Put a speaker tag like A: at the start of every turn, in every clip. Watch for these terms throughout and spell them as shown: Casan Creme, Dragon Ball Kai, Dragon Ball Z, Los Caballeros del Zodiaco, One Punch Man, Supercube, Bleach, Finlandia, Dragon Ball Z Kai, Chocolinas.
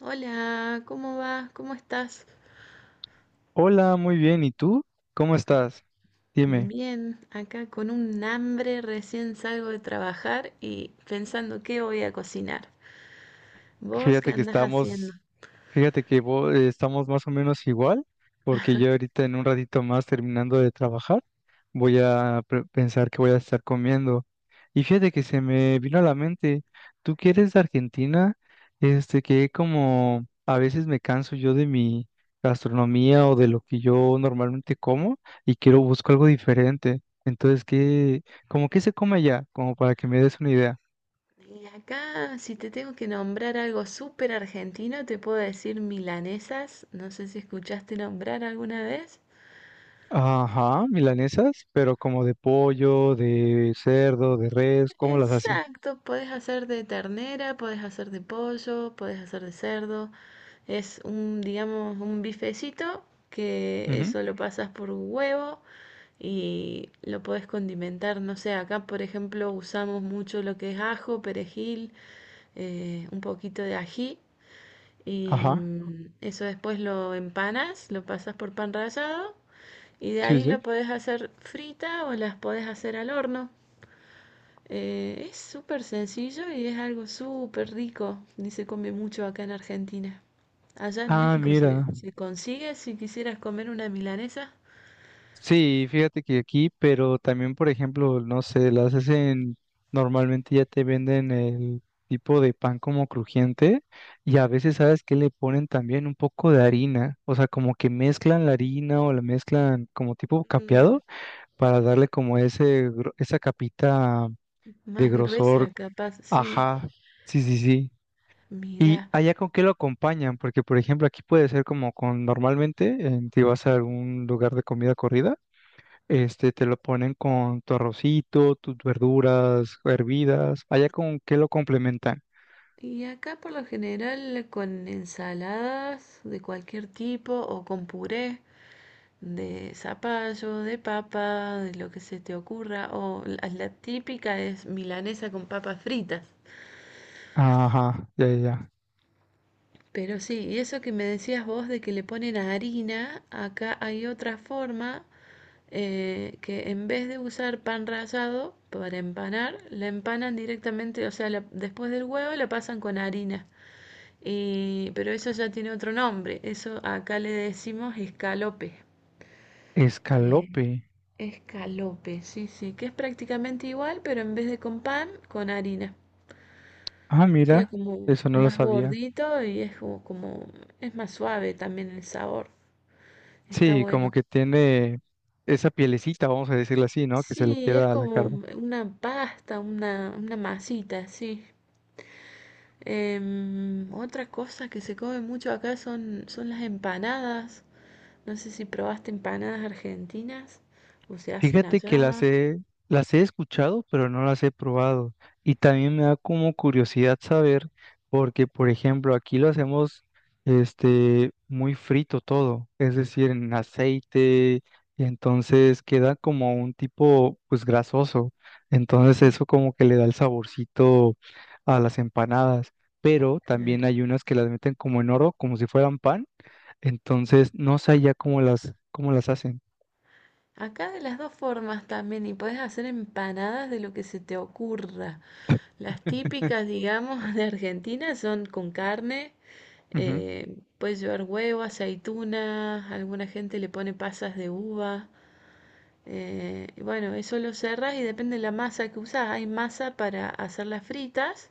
A: Hola, ¿cómo vas? ¿Cómo estás?
B: Hola, muy bien. ¿Y tú? ¿Cómo estás? Dime,
A: Bien, acá con un hambre, recién salgo de trabajar y pensando qué voy a cocinar. ¿Vos qué
B: fíjate que
A: andás haciendo?
B: estamos, fíjate que estamos más o menos igual, porque yo ahorita en un ratito más terminando de trabajar. Voy a pensar que voy a estar comiendo. Y fíjate que se me vino a la mente, tú que eres de Argentina, este, que como a veces me canso yo de mi gastronomía o de lo que yo normalmente como y quiero busco algo diferente. Entonces, ¿como qué se come allá? Como para que me des una idea.
A: Y acá, si te tengo que nombrar algo súper argentino, te puedo decir milanesas. No sé si escuchaste nombrar alguna vez.
B: Ajá, milanesas, pero como de pollo, de cerdo, de res, ¿cómo las hacen?
A: Exacto, podés hacer de ternera, podés hacer de pollo, podés hacer de cerdo. Es un, digamos, un bifecito que
B: Ujú.
A: eso lo pasas por huevo y lo podés condimentar, no sé, acá por ejemplo usamos mucho lo que es ajo, perejil, un poquito de ají y
B: Ajá,
A: eso después lo empanas, lo pasas por pan rallado y de
B: sí,
A: ahí
B: sí.
A: lo podés hacer frita o las podés hacer al horno. Es súper sencillo y es algo súper rico y se come mucho acá en Argentina. Allá en
B: Ah,
A: México se,
B: mira.
A: se consigue si quisieras comer una milanesa.
B: Sí, fíjate que aquí, pero también, por ejemplo, no sé, las hacen, normalmente ya te venden el tipo de pan como crujiente y a veces sabes que le ponen también un poco de harina, o sea, como que mezclan la harina o la mezclan como tipo
A: Mm,
B: capeado para darle como ese, esa capita de
A: más
B: grosor.
A: gruesa, capaz, sí.
B: Ajá, sí, sí, sí. ¿Y
A: Mira,
B: allá con qué lo acompañan? Porque, por ejemplo, aquí puede ser como con, normalmente, en, si vas a algún lugar de comida corrida. Este, te lo ponen con tu arrocito, tus verduras hervidas. Allá con qué lo complementan.
A: y acá por lo general con ensaladas de cualquier tipo o con puré de zapallo, de papa, de lo que se te ocurra, o la típica es milanesa con papas fritas.
B: Ajá, ya, ya, ya.
A: Pero sí, y eso que me decías vos de que le ponen harina, acá hay otra forma que en vez de usar pan rallado para empanar, la empanan directamente, o sea, después del huevo la pasan con harina. Pero eso ya tiene otro nombre. Eso acá le decimos escalope. Eh,
B: Escalope.
A: Escalope, sí, sí, que es prácticamente igual, pero en vez de con pan, con harina.
B: Ah,
A: Queda
B: mira,
A: como
B: eso no lo
A: más
B: sabía.
A: gordito y es como es más suave también el sabor. Está
B: Sí, como
A: bueno.
B: que tiene esa pielecita, vamos a decirlo así, ¿no? Que se le
A: Sí, es
B: queda a la
A: como
B: carne.
A: una pasta, una masita, sí. Otra cosa que se come mucho acá son las empanadas. No sé si probaste empanadas argentinas o se hacen
B: Fíjate que
A: allá.
B: las he escuchado, pero no las he probado. Y también me da como curiosidad saber, porque por ejemplo, aquí lo hacemos este muy frito todo, es decir, en aceite, y entonces queda como un tipo pues grasoso. Entonces
A: Mm,
B: eso como que le da el saborcito a las empanadas. Pero
A: claro.
B: también hay unas que las meten como en oro, como si fueran pan. Entonces no sé ya cómo las hacen.
A: Acá de las dos formas también, y podés hacer empanadas de lo que se te ocurra. Las típicas, digamos, de Argentina son con carne,
B: Ujú.
A: puedes llevar huevo, aceituna, alguna gente le pone pasas de uva. Y bueno, eso lo cerrás y depende de la masa que usás. Hay masa para hacer las fritas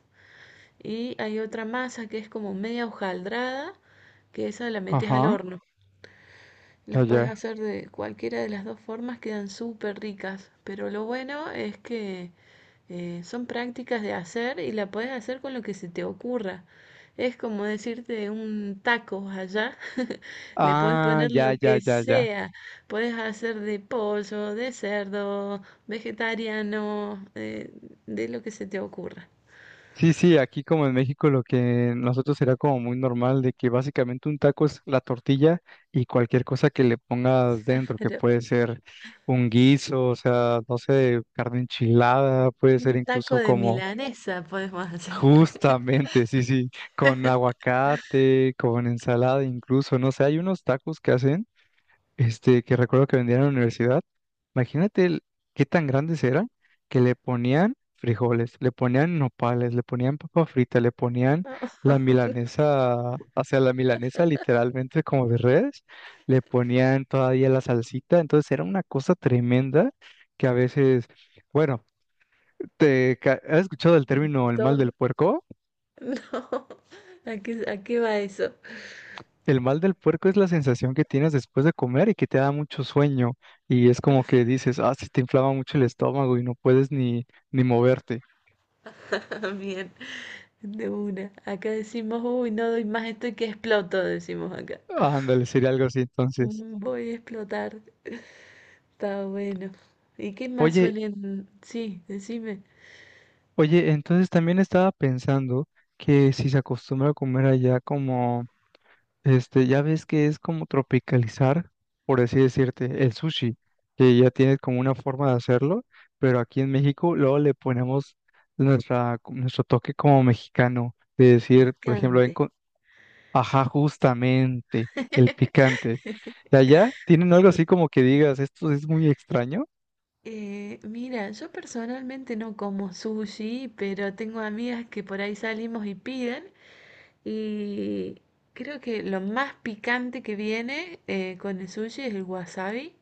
A: y hay otra masa que es como media hojaldrada, que esa la metes al
B: Ajá.
A: horno. Las puedes
B: Allá.
A: hacer de cualquiera de las dos formas, quedan súper ricas. Pero lo bueno es que son prácticas de hacer y la puedes hacer con lo que se te ocurra. Es como decirte un taco allá, le puedes
B: Ah,
A: poner lo
B: ya,
A: que
B: ya, ya, ya.
A: sea. Puedes hacer de pollo, de cerdo, vegetariano, de lo que se te ocurra.
B: Sí, sí, aquí como en México lo que nosotros será como muy normal de que básicamente un taco es la tortilla y cualquier cosa que le pongas dentro, que puede ser un guiso, o sea, no sé, carne enchilada, puede
A: Un
B: ser
A: taco
B: incluso
A: de
B: como
A: milanesa podemos hacer.
B: justamente, sí, sí, con aguacate, con ensalada incluso, no sé, hay unos tacos que hacen. Este, que recuerdo que vendían en la universidad, imagínate qué tan grandes eran, que le ponían frijoles, le ponían nopales, le ponían papa frita, le ponían
A: No,
B: la milanesa, o sea, la milanesa literalmente como de redes, le ponían todavía la salsita, entonces era una cosa tremenda que a veces, bueno, has escuchado el
A: de
B: término el mal
A: todo.
B: del puerco?
A: No. A qué va eso?
B: El mal del puerco es la sensación que tienes después de comer y que te da mucho sueño y es como que dices, ah, se te inflama mucho el estómago y no puedes ni, ni moverte.
A: Bien, de una. Acá decimos, uy, no doy más, estoy que exploto, decimos acá.
B: Ándale, sería algo así entonces.
A: Mm, voy a explotar. Está bueno. ¿Y qué más
B: Oye,
A: suelen? Sí, decime.
B: oye, entonces también estaba pensando que si se acostumbra a comer allá como. Este, ya ves que es como tropicalizar, por así decirte, el sushi, que ya tiene como una forma de hacerlo, pero aquí en México luego le ponemos nuestra, nuestro toque como mexicano, de decir, por ejemplo, ven
A: Picante.
B: con, ajá, justamente, el picante. ¿Y allá tienen algo así como que digas, esto es muy extraño?
A: Mira, yo personalmente no como sushi, pero tengo amigas que por ahí salimos y piden. Y creo que lo más picante que viene con el sushi es el wasabi,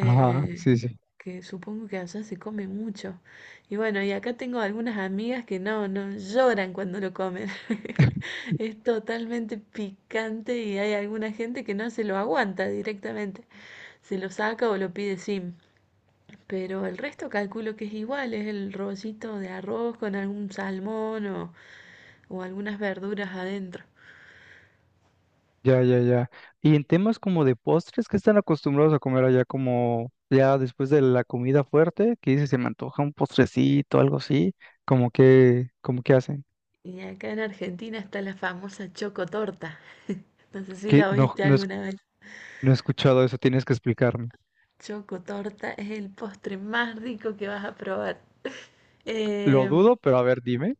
B: Ajá, sí, sí.
A: que supongo que allá se come mucho. Y bueno, y acá tengo algunas amigas que no lloran cuando lo comen. Es totalmente picante y hay alguna gente que no se lo aguanta directamente. Se lo saca o lo pide sin. Pero el resto calculo que es igual, es el rollito de arroz con algún salmón o algunas verduras adentro.
B: Ya, ya, ya. Y en temas como de postres, ¿qué están acostumbrados a comer allá como ya después de la comida fuerte? ¿Que dice? Se me antoja un postrecito, algo así. ¿Cómo que hacen?
A: Y acá en Argentina está la famosa chocotorta. No sé si
B: Que
A: la
B: no,
A: oíste
B: no,
A: alguna vez.
B: no he escuchado eso, tienes que explicarme.
A: Chocotorta es el postre más rico que vas a probar.
B: Lo
A: Em,
B: dudo, pero a ver, dime.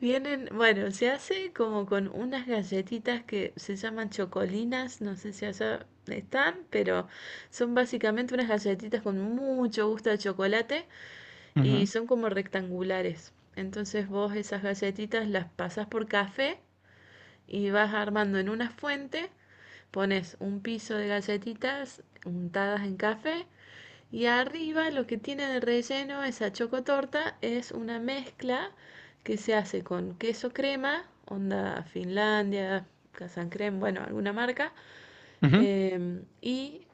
A: Vienen, bueno, se hace como con unas galletitas que se llaman chocolinas, no sé si allá están, pero son básicamente unas galletitas con mucho gusto de chocolate y
B: Ujú,
A: son como rectangulares. Entonces vos esas galletitas las pasas por café y vas armando en una fuente, pones un piso de galletitas untadas en café y arriba lo que tiene de relleno esa chocotorta es una mezcla que se hace con queso crema, onda Finlandia, Casan Creme, bueno, alguna marca,
B: ujú.
A: y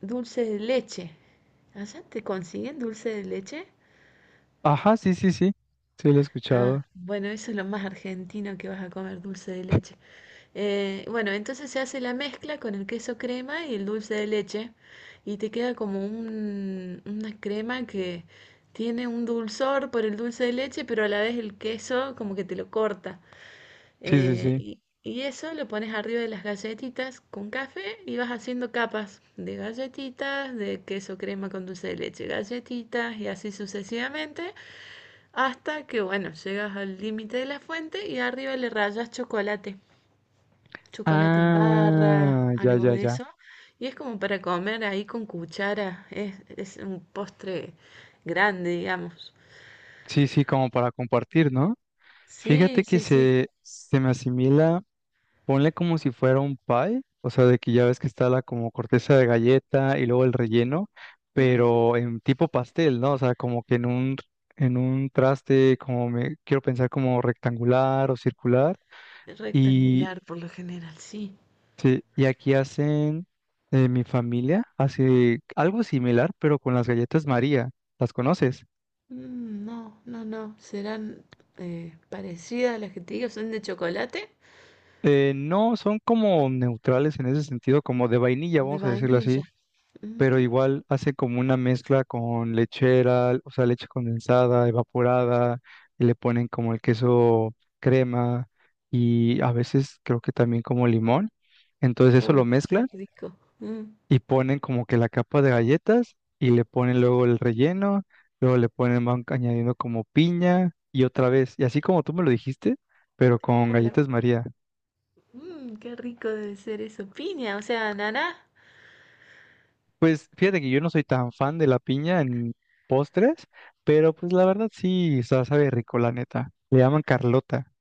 A: dulce de leche. ¿Allá te consiguen dulce de leche?
B: Ajá, sí, sí, sí. Sí, lo he
A: Ah,
B: escuchado.
A: bueno, eso es lo más argentino que vas a comer, dulce de leche. Bueno, entonces se hace la mezcla con el queso crema y el dulce de leche y te queda como una crema que tiene un dulzor por el dulce de leche, pero a la vez el queso como que te lo corta.
B: Sí, sí, sí.
A: Y eso lo pones arriba de las galletitas con café y vas haciendo capas de galletitas, de queso crema con dulce de leche, galletitas y así sucesivamente. Hasta que, bueno, llegas al límite de la fuente y arriba le rayas chocolate, chocolate en barra,
B: Ah, ya,
A: algo
B: ya,
A: de
B: ya.
A: eso. Y es como para comer ahí con cuchara. Es un postre grande, digamos.
B: Sí, sí, como para compartir, ¿no? Fíjate
A: Sí,
B: que
A: sí, sí.
B: se me asimila. Ponle como si fuera un pie, o sea, de que ya ves que está la como corteza de galleta y luego el relleno,
A: Ujú.
B: pero en tipo pastel, ¿no? O sea, como que en un traste, como me quiero pensar como rectangular o circular. Y,
A: Rectangular por lo general, sí.
B: sí, y aquí hacen, mi familia hace algo similar, pero con las galletas María. ¿Las conoces?
A: Mm, no, no, no. Serán parecidas a las que te digo. Son de chocolate,
B: No, son como neutrales en ese sentido, como de vainilla,
A: de
B: vamos a decirlo así,
A: vainilla. Ujú.
B: pero igual hace como una mezcla con lechera, o sea, leche condensada, evaporada, y le ponen como el queso crema y a veces creo que también como limón. Entonces eso lo
A: Uy, qué
B: mezclan
A: rico. Mm,
B: y ponen como que la capa de galletas y le ponen luego el relleno, luego le ponen, van añadiendo como piña y otra vez, y así como tú me lo dijiste, pero con
A: claro.
B: galletas María.
A: Mmm, qué rico debe ser eso. Piña, o sea, naná.
B: Pues
A: Sí.
B: fíjate que yo no soy tan fan de la piña en postres, pero pues la verdad sí, o sea, sabe rico, la neta. Le llaman Carlota.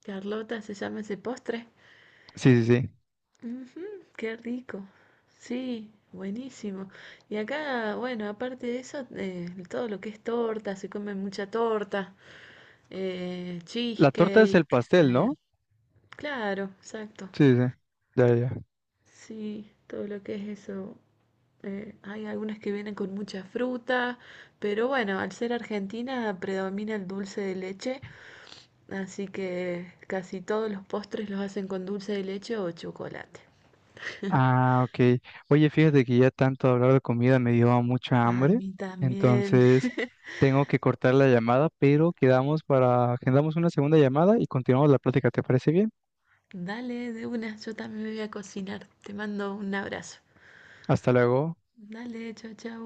A: Carlota se llama ese postre.
B: Sí, sí, sí.
A: Ujú, qué rico. Sí, buenísimo. Y acá, bueno, aparte de eso, todo lo que es torta, se come mucha torta,
B: La torta es
A: cheesecake.
B: el pastel,
A: eh,
B: ¿no?
A: claro, exacto.
B: Sí, sí, sí. Ya, ya, ya.
A: Sí, todo lo que es eso. Hay algunas que vienen con mucha fruta, pero bueno, al ser Argentina predomina el dulce de leche. Así que casi todos los postres los hacen con dulce de leche o chocolate.
B: Ah, ok. Oye, fíjate que ya tanto hablar de comida me dio mucha
A: A
B: hambre,
A: mí también.
B: entonces tengo que cortar la llamada, pero quedamos para, agendamos una segunda llamada y continuamos la plática, ¿te parece bien?
A: Dale, de una, yo también me voy a cocinar. Te mando un abrazo.
B: Hasta luego.
A: Dale, chau, chau.